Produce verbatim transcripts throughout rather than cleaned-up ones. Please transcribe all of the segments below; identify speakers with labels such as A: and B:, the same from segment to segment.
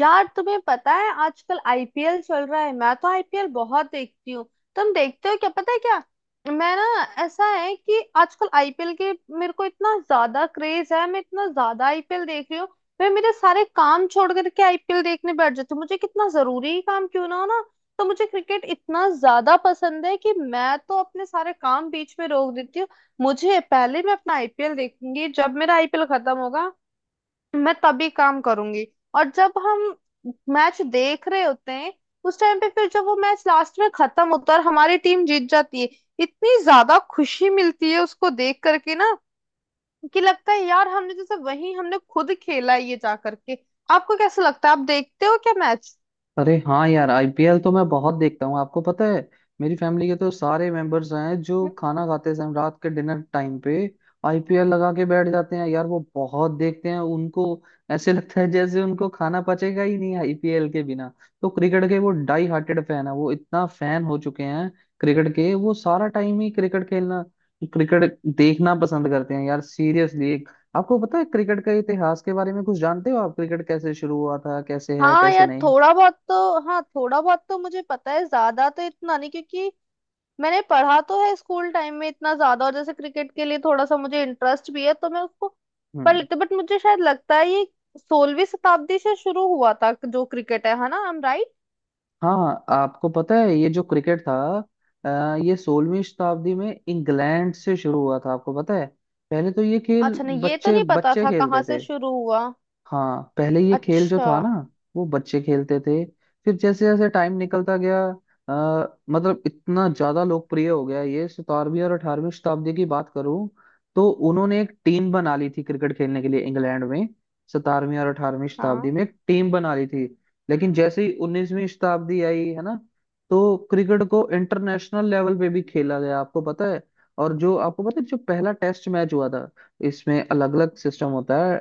A: यार तुम्हें पता है आजकल आईपीएल चल रहा है। मैं तो आईपीएल बहुत देखती हूँ। तुम देखते हो क्या? पता है क्या, मैं ना ऐसा है कि आजकल आईपीएल के मेरे को इतना ज्यादा क्रेज है, मैं इतना ज्यादा आईपीएल देख रही हूँ। मैं मेरे सारे काम छोड़ करके आईपीएल देखने बैठ जाती हूँ, मुझे कितना जरूरी काम क्यों ना हो ना। तो मुझे क्रिकेट इतना ज्यादा पसंद है कि मैं तो अपने सारे काम बीच में रोक देती हूँ। मुझे पहले मैं अपना आईपीएल देखूंगी, जब मेरा आईपीएल खत्म होगा मैं तभी काम करूंगी। और जब हम मैच देख रहे होते हैं उस टाइम पे, फिर जब वो मैच लास्ट में खत्म होता है और हमारी टीम जीत जाती है, इतनी ज्यादा खुशी मिलती है उसको देख करके ना, कि लगता है यार हमने जैसे वही, हमने खुद खेला है ये जा करके। आपको कैसा लगता है? आप देखते हो क्या मैच?
B: अरे हाँ यार, आईपीएल तो मैं बहुत देखता हूँ। आपको पता है, मेरी फैमिली के तो सारे मेंबर्स हैं जो खाना खाते समय, रात के डिनर टाइम पे आईपीएल लगा के बैठ जाते हैं। यार वो बहुत देखते हैं, उनको ऐसे लगता है जैसे उनको खाना पचेगा ही नहीं आईपीएल के बिना। तो क्रिकेट के वो डाई हार्टेड फैन है, वो इतना फैन हो चुके हैं क्रिकेट के। वो सारा टाइम ही क्रिकेट खेलना, क्रिकेट देखना पसंद करते हैं यार, सीरियसली। आपको पता है, क्रिकेट का इतिहास के बारे में कुछ जानते हो आप? क्रिकेट कैसे शुरू हुआ था, कैसे है
A: हाँ
B: कैसे
A: यार
B: नहीं?
A: थोड़ा बहुत तो हाँ थोड़ा बहुत तो मुझे पता है, ज्यादा तो इतना नहीं क्योंकि मैंने पढ़ा तो है स्कूल टाइम में इतना ज्यादा, और जैसे क्रिकेट के लिए थोड़ा सा मुझे इंटरेस्ट भी है तो मैं उसको पढ़
B: हम्म।
A: लेती हूँ। बट मुझे शायद लगता है ये सोलहवीं शताब्दी से शुरू हुआ था जो क्रिकेट है है ना? I am right?
B: हाँ, आपको पता है ये जो क्रिकेट था, अ, ये सोलहवीं शताब्दी में इंग्लैंड से शुरू हुआ था। आपको पता है, पहले तो ये खेल
A: अच्छा, नहीं ये तो
B: बच्चे
A: नहीं पता
B: बच्चे
A: था कहाँ
B: खेलते
A: से
B: थे।
A: शुरू हुआ।
B: हाँ, पहले ये खेल जो
A: अच्छा।
B: था ना, वो बच्चे खेलते थे। फिर जैसे जैसे टाइम निकलता गया, अ, मतलब इतना ज्यादा लोकप्रिय हो गया। ये सतारहवीं और अठारहवीं शताब्दी की बात करूं, तो उन्होंने एक टीम बना ली थी क्रिकेट खेलने के लिए इंग्लैंड में। सतारहवीं और अठारहवीं शताब्दी
A: हाँ।
B: में एक टीम बना ली थी। लेकिन जैसे ही उन्नीसवीं शताब्दी आई है ना, तो क्रिकेट को इंटरनेशनल लेवल पे भी खेला गया। आपको पता है, और जो आपको पता है, जो पहला टेस्ट मैच हुआ था, इसमें अलग अलग सिस्टम होता है।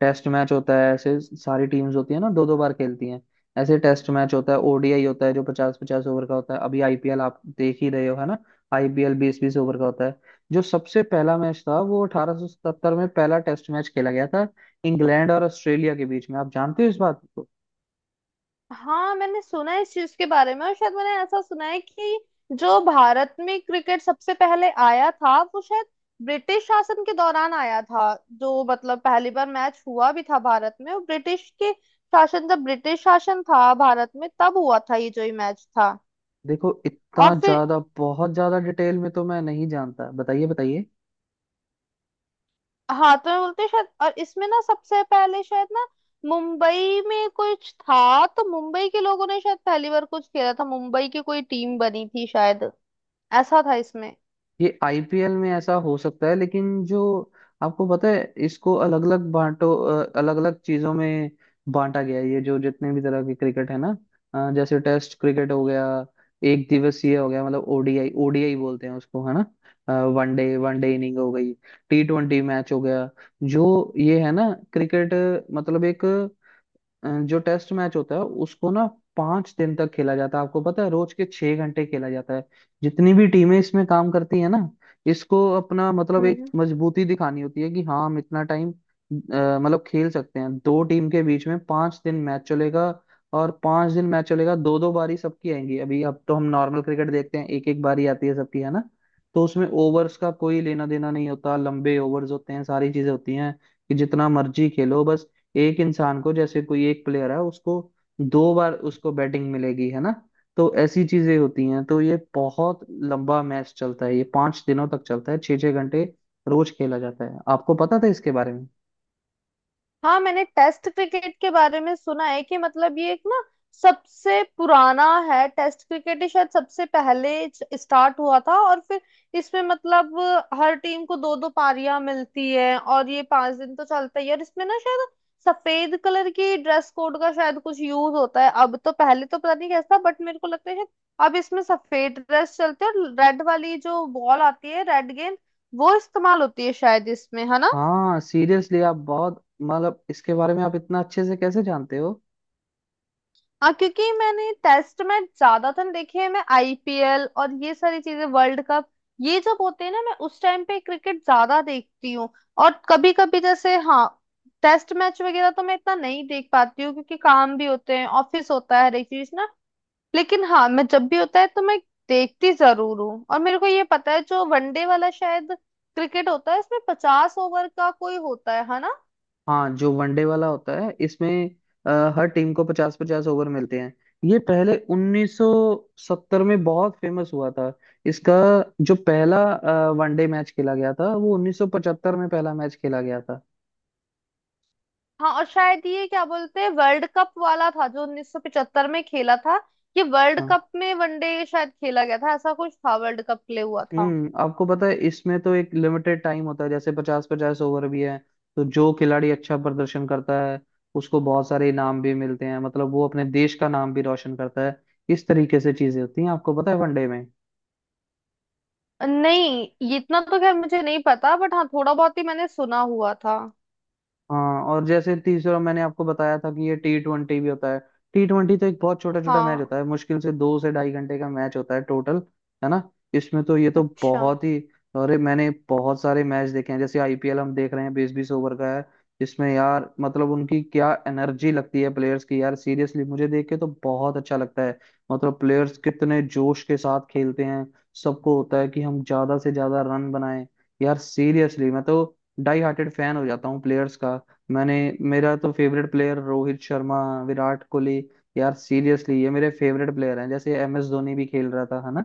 B: टेस्ट मैच होता है, ऐसे सारी टीम्स होती है ना, दो दो बार खेलती हैं। ऐसे टेस्ट मैच होता है। ओडीआई होता है, जो पचास पचास ओवर का होता है। अभी आईपीएल आप देख ही रहे हो है ना, आईपीएल बीस बीस ओवर का होता है। जो सबसे पहला मैच था, वो अठारह सौ सतहत्तर में पहला टेस्ट मैच खेला गया था इंग्लैंड और ऑस्ट्रेलिया के बीच में। आप जानते हो इस बात को?
A: हाँ मैंने सुना है इस चीज के बारे में, और शायद मैंने ऐसा सुना है कि जो भारत में क्रिकेट सबसे पहले आया था वो शायद ब्रिटिश शासन के दौरान आया था। जो मतलब पहली बार मैच हुआ भी था भारत में वो ब्रिटिश के शासन, जब ब्रिटिश शासन था भारत में तब हुआ था ये जो ये मैच था।
B: देखो,
A: और
B: इतना
A: फिर,
B: ज्यादा बहुत ज्यादा डिटेल में तो मैं नहीं जानता, बताइए बताइए।
A: हाँ तो मैं बोलते हैं शायद, और इसमें ना सबसे पहले शायद ना, मुंबई में कुछ था, तो मुंबई के लोगों ने शायद पहली बार कुछ खेला था, मुंबई की कोई टीम बनी थी शायद, ऐसा था इसमें।
B: ये आईपीएल में ऐसा हो सकता है, लेकिन जो आपको पता है, इसको अलग अलग बांटो, अलग अलग चीजों में बांटा गया है ये। जो जितने भी तरह की क्रिकेट है ना, अ, जैसे टेस्ट क्रिकेट हो गया, एक दिवसीय हो गया मतलब ओडीआई, ओडीआई बोलते हैं उसको है ना, वनडे। वनडे इनिंग हो गई, टी ट्वेंटी मैच हो गया। जो ये है ना क्रिकेट, मतलब एक, अ, जो टेस्ट मैच होता है, उसको ना पांच दिन तक खेला जाता है। आपको पता है, रोज के छह घंटे खेला जाता है। जितनी भी टीमें इसमें काम करती है ना, इसको अपना मतलब एक
A: हम्म।
B: मजबूती दिखानी होती है कि हाँ, हम इतना टाइम मतलब खेल सकते हैं। दो टीम के बीच में पांच दिन मैच चलेगा, और पांच दिन मैच चलेगा, दो दो बारी सबकी आएंगी। अभी अब तो हम नॉर्मल क्रिकेट देखते हैं, एक एक बारी आती है सबकी है ना। तो उसमें ओवर्स का कोई लेना देना नहीं होता, लंबे ओवर्स होते हैं, सारी चीजें होती हैं कि जितना मर्जी खेलो बस। एक इंसान को, जैसे कोई एक प्लेयर है, उसको दो बार उसको बैटिंग मिलेगी है ना। तो ऐसी चीजें होती हैं, तो ये बहुत लंबा मैच चलता है, ये पांच दिनों तक चलता है, छह छह घंटे रोज खेला जाता है। आपको पता था इसके बारे में?
A: हाँ मैंने टेस्ट क्रिकेट के बारे में सुना है कि मतलब ये एक ना सबसे पुराना है, टेस्ट क्रिकेट ही शायद सबसे पहले स्टार्ट हुआ था। और फिर इसमें मतलब हर टीम को दो दो पारियां मिलती है, और ये पांच दिन तो चलता ही है। और इसमें ना शायद सफेद कलर की ड्रेस कोड का शायद कुछ यूज होता है, अब तो, पहले तो पता नहीं कैसा बट मेरे को लगता है शायद अब इसमें सफेद ड्रेस चलती है, और रेड वाली जो बॉल आती है, रेड गेंद वो इस्तेमाल होती है शायद इसमें, है ना?
B: हाँ, सीरियसली, आप बहुत मतलब इसके बारे में आप इतना अच्छे से कैसे जानते हो?
A: हाँ क्योंकि मैंने टेस्ट में ज्यादातर देखे हैं, मैं आईपीएल और ये सारी चीजें, वर्ल्ड कप ये जब होते हैं ना, मैं उस टाइम पे क्रिकेट ज्यादा देखती हूँ। और कभी कभी जैसे, हाँ, टेस्ट मैच वगैरह तो मैं इतना नहीं देख पाती हूँ क्योंकि काम भी होते हैं, ऑफिस होता है, हर एक चीज ना। लेकिन हाँ, मैं जब भी होता है तो मैं देखती जरूर हूँ। और मेरे को ये पता है जो वनडे वाला शायद क्रिकेट होता है, इसमें पचास ओवर का कोई होता है है ना?
B: हाँ, जो वनडे वाला होता है, इसमें अ, हर टीम को पचास पचास ओवर मिलते हैं। ये पहले उन्नीस सौ सत्तर में बहुत फेमस हुआ था इसका। जो पहला वनडे मैच खेला गया था, वो उन्नीस सौ पचहत्तर में पहला मैच खेला गया था।
A: हाँ, और शायद ये क्या बोलते हैं, वर्ल्ड कप वाला था जो उन्नीस सौ पचहत्तर में खेला था। ये वर्ल्ड
B: हाँ।
A: कप में वनडे शायद खेला गया था, ऐसा कुछ था वर्ल्ड कप के लिए हुआ था।
B: हम्म आपको पता है, इसमें तो एक लिमिटेड टाइम होता है, जैसे पचास पचास ओवर भी है। तो जो खिलाड़ी अच्छा प्रदर्शन करता है, उसको बहुत सारे इनाम भी मिलते हैं, मतलब वो अपने देश का नाम भी रोशन करता है। इस तरीके से चीजें होती हैं, आपको पता है वनडे में।
A: नहीं ये इतना तो खैर मुझे नहीं पता, बट हाँ थोड़ा बहुत ही मैंने सुना हुआ था।
B: हाँ, और जैसे तीसरा मैंने आपको बताया था कि ये टी ट्वेंटी भी होता है। टी ट्वेंटी तो एक बहुत छोटा छोटा मैच
A: हाँ।
B: होता है, मुश्किल से दो से ढाई घंटे का मैच होता है टोटल। है ना, इसमें तो ये तो
A: अच्छा।
B: बहुत ही, अरे मैंने बहुत सारे मैच देखे हैं। जैसे आईपीएल हम देख रहे हैं, बीस बीस ओवर का है। इसमें यार मतलब उनकी क्या एनर्जी लगती है प्लेयर्स की, यार सीरियसली मुझे देख के तो बहुत अच्छा लगता है, मतलब प्लेयर्स कितने जोश के साथ खेलते हैं। सबको होता है कि हम ज्यादा से ज्यादा रन बनाएं। यार सीरियसली, मैं तो डाई हार्टेड फैन हो जाता हूँ प्लेयर्स का। मैंने मेरा तो फेवरेट प्लेयर रोहित शर्मा, विराट कोहली। यार सीरियसली ये मेरे फेवरेट प्लेयर हैं। जैसे एम एस धोनी भी खेल रहा था है ना,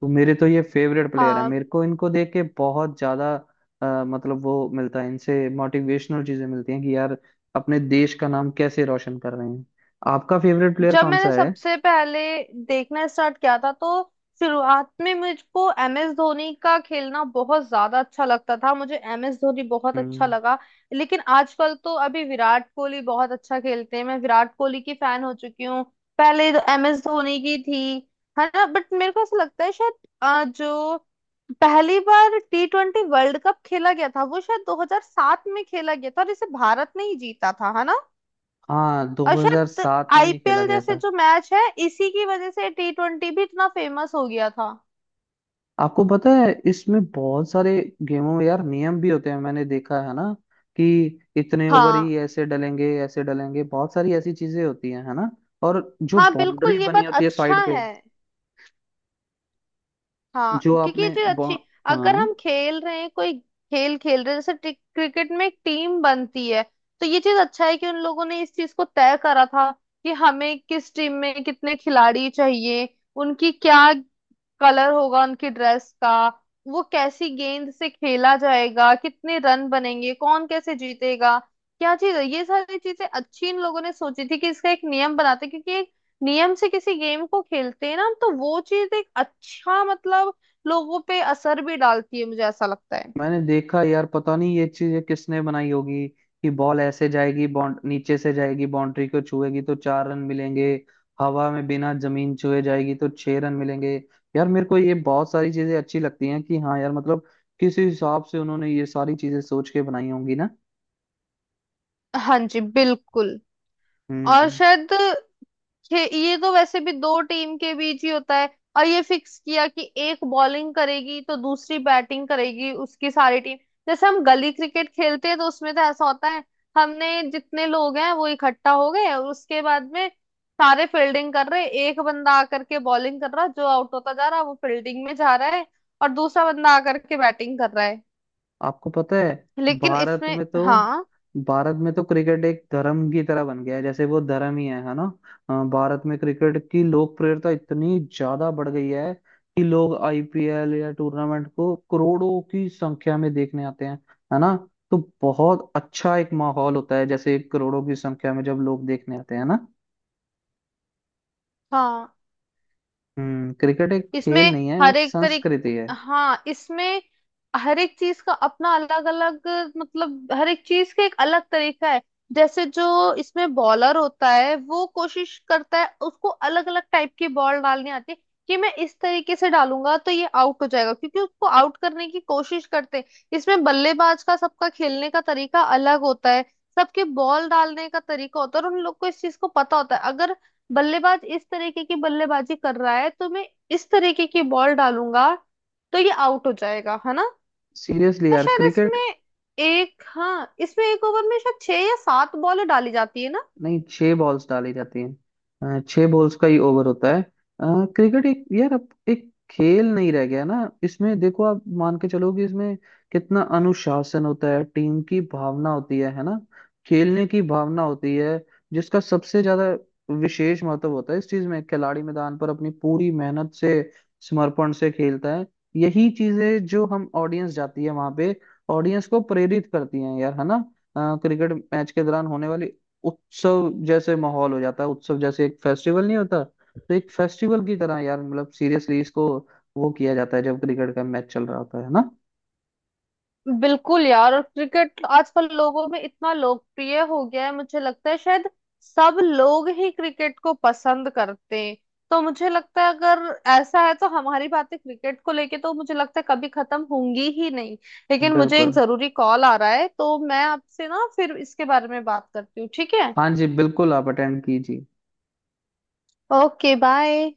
B: तो मेरे तो ये फेवरेट प्लेयर हैं।
A: हाँ,
B: मेरे को इनको देख के बहुत ज्यादा, अ, मतलब वो मिलता है, इनसे मोटिवेशनल चीजें मिलती हैं कि यार अपने देश का नाम कैसे रोशन कर रहे हैं। आपका फेवरेट प्लेयर
A: जब
B: कौन
A: मैंने
B: सा है?
A: सबसे पहले देखना स्टार्ट किया था, तो शुरुआत में मुझको एम एस धोनी का खेलना बहुत ज्यादा अच्छा लगता था, मुझे एम एस धोनी बहुत अच्छा
B: हम्म।
A: लगा। लेकिन आजकल तो अभी विराट कोहली बहुत अच्छा खेलते हैं, मैं विराट कोहली की फैन हो चुकी हूँ। पहले तो एम एस धोनी की थी, है ना? बट मेरे को ऐसा लगता है शायद, अ, जो पहली बार टी ट्वेंटी वर्ल्ड कप खेला गया था वो शायद दो हज़ार सात में खेला गया था, और इसे भारत ने ही जीता था, है ना?
B: हाँ,
A: और शायद
B: दो हज़ार सात में ही खेला
A: आईपीएल
B: गया
A: जैसे
B: था।
A: जो मैच है, इसी की वजह से टी ट्वेंटी भी इतना फेमस हो गया था।
B: आपको पता है, इसमें बहुत सारे गेमों में यार नियम भी होते हैं, मैंने देखा है ना, कि इतने ओवर ही
A: हाँ।
B: ऐसे डलेंगे ऐसे डलेंगे, बहुत सारी ऐसी चीजें होती हैं है ना। और जो
A: हाँ
B: बाउंड्री
A: बिल्कुल, ये
B: बनी
A: बात
B: होती है
A: अच्छा
B: साइड पे,
A: है। हाँ
B: जो
A: क्योंकि ये
B: आपने
A: चीज
B: बौ-
A: अच्छी, अगर
B: हाँ,
A: हम खेल रहे हैं, कोई खेल खेल रहे हैं जैसे टिक- क्रिकेट में एक टीम बनती है, तो ये चीज अच्छा है कि उन लोगों ने इस चीज को तय करा था कि हमें किस टीम में कितने खिलाड़ी चाहिए, उनकी क्या कलर होगा उनकी ड्रेस का, वो कैसी गेंद से खेला जाएगा, कितने रन बनेंगे, कौन कैसे जीतेगा, क्या चीज है। ये सारी चीजें अच्छी इन लोगों ने सोची थी कि इसका एक नियम बनाते हैं, क्योंकि एक नियम से किसी गेम को खेलते हैं ना हम, तो वो चीज एक अच्छा, मतलब लोगों पे असर भी डालती है, मुझे ऐसा लगता है।
B: मैंने देखा यार, पता नहीं ये चीज किसने बनाई होगी कि बॉल ऐसे जाएगी, बाउंड नीचे से जाएगी, बाउंड्री को छुएगी तो चार रन मिलेंगे, हवा में बिना जमीन छुए जाएगी तो छह रन मिलेंगे। यार मेरे को ये बहुत सारी चीजें अच्छी लगती हैं कि हाँ यार मतलब किसी हिसाब से उन्होंने ये सारी चीजें सोच के बनाई होंगी ना।
A: हाँ जी बिल्कुल। और
B: हम्म
A: शायद, खे- ये तो वैसे भी दो टीम के बीच ही होता है, और ये फिक्स किया कि एक बॉलिंग करेगी तो दूसरी बैटिंग करेगी उसकी सारी टीम। जैसे हम गली क्रिकेट खेलते हैं तो उसमें तो ऐसा होता है, हमने जितने लोग हैं वो इकट्ठा हो गए, और उसके बाद में सारे फील्डिंग कर रहे हैं। एक बंदा आकर के बॉलिंग कर रहा है, जो आउट होता जा रहा है वो फील्डिंग में जा रहा है, और दूसरा बंदा आकर के बैटिंग कर रहा है।
B: आपको पता है,
A: लेकिन
B: भारत
A: इसमें,
B: में तो,
A: हाँ।
B: भारत में तो क्रिकेट एक धर्म की तरह बन गया है, जैसे वो धर्म ही है है ना। अ, भारत में क्रिकेट की लोकप्रियता इतनी ज्यादा बढ़ गई है कि लोग आईपीएल या टूर्नामेंट को करोड़ों की संख्या में देखने आते हैं, है ना। तो बहुत अच्छा एक माहौल होता है जैसे करोड़ों की संख्या में जब लोग देखने आते हैं ना।
A: हाँ
B: हम्म क्रिकेट एक
A: इसमें
B: खेल नहीं है,
A: हर
B: एक
A: एक तरीक
B: संस्कृति है।
A: हाँ इसमें हर एक चीज का अपना अलग अलग, मतलब हर एक चीज का एक अलग तरीका है। जैसे जो इसमें बॉलर होता है वो कोशिश करता है, उसको अलग अलग टाइप की बॉल डालनी आती है, कि मैं इस तरीके से डालूंगा तो ये आउट हो जाएगा, क्योंकि उसको आउट करने की कोशिश करते हैं। इसमें बल्लेबाज का सबका खेलने का तरीका अलग होता है, सबके बॉल डालने का तरीका होता है, और उन लोग को इस चीज को पता होता है, अगर बल्लेबाज इस तरीके की बल्लेबाजी कर रहा है तो मैं इस तरीके की बॉल डालूंगा तो ये आउट हो जाएगा, है ना?
B: सीरियसली
A: और
B: यार,
A: शायद
B: क्रिकेट।
A: इसमें एक, हाँ इसमें एक ओवर में शायद छह या सात बॉल डाली जाती है ना।
B: नहीं, छह बॉल्स डाली जाती हैं, अ, छह बॉल्स का ही ओवर होता है। अ, क्रिकेट एक यार अब एक खेल नहीं रह गया ना। इसमें देखो, आप मान के चलो कि इसमें कितना अनुशासन होता है, टीम की भावना होती है है ना, खेलने की भावना होती है। जिसका सबसे ज्यादा विशेष महत्व होता है इस चीज में, खिलाड़ी मैदान पर अपनी पूरी मेहनत से, समर्पण से खेलता है। यही चीजें जो हम ऑडियंस जाती है वहां पे, ऑडियंस को प्रेरित करती हैं यार है ना। अ, क्रिकेट मैच के दौरान होने वाली उत्सव जैसे माहौल हो जाता है। उत्सव जैसे एक फेस्टिवल नहीं होता, तो एक फेस्टिवल की तरह यार मतलब सीरियसली इसको वो किया जाता है जब क्रिकेट का मैच चल रहा होता है ना।
A: बिल्कुल यार, और क्रिकेट आजकल लोगों में इतना लोकप्रिय हो गया है, मुझे लगता है शायद सब लोग ही क्रिकेट को पसंद करते हैं। तो मुझे लगता है अगर ऐसा है तो हमारी बातें क्रिकेट को लेके तो मुझे लगता है कभी खत्म होंगी ही नहीं। लेकिन मुझे एक
B: बिल्कुल।
A: जरूरी कॉल आ रहा है, तो मैं आपसे ना फिर इसके बारे में बात करती हूँ, ठीक है?
B: हाँ जी बिल्कुल, आप अटेंड कीजिए।
A: Okay bye.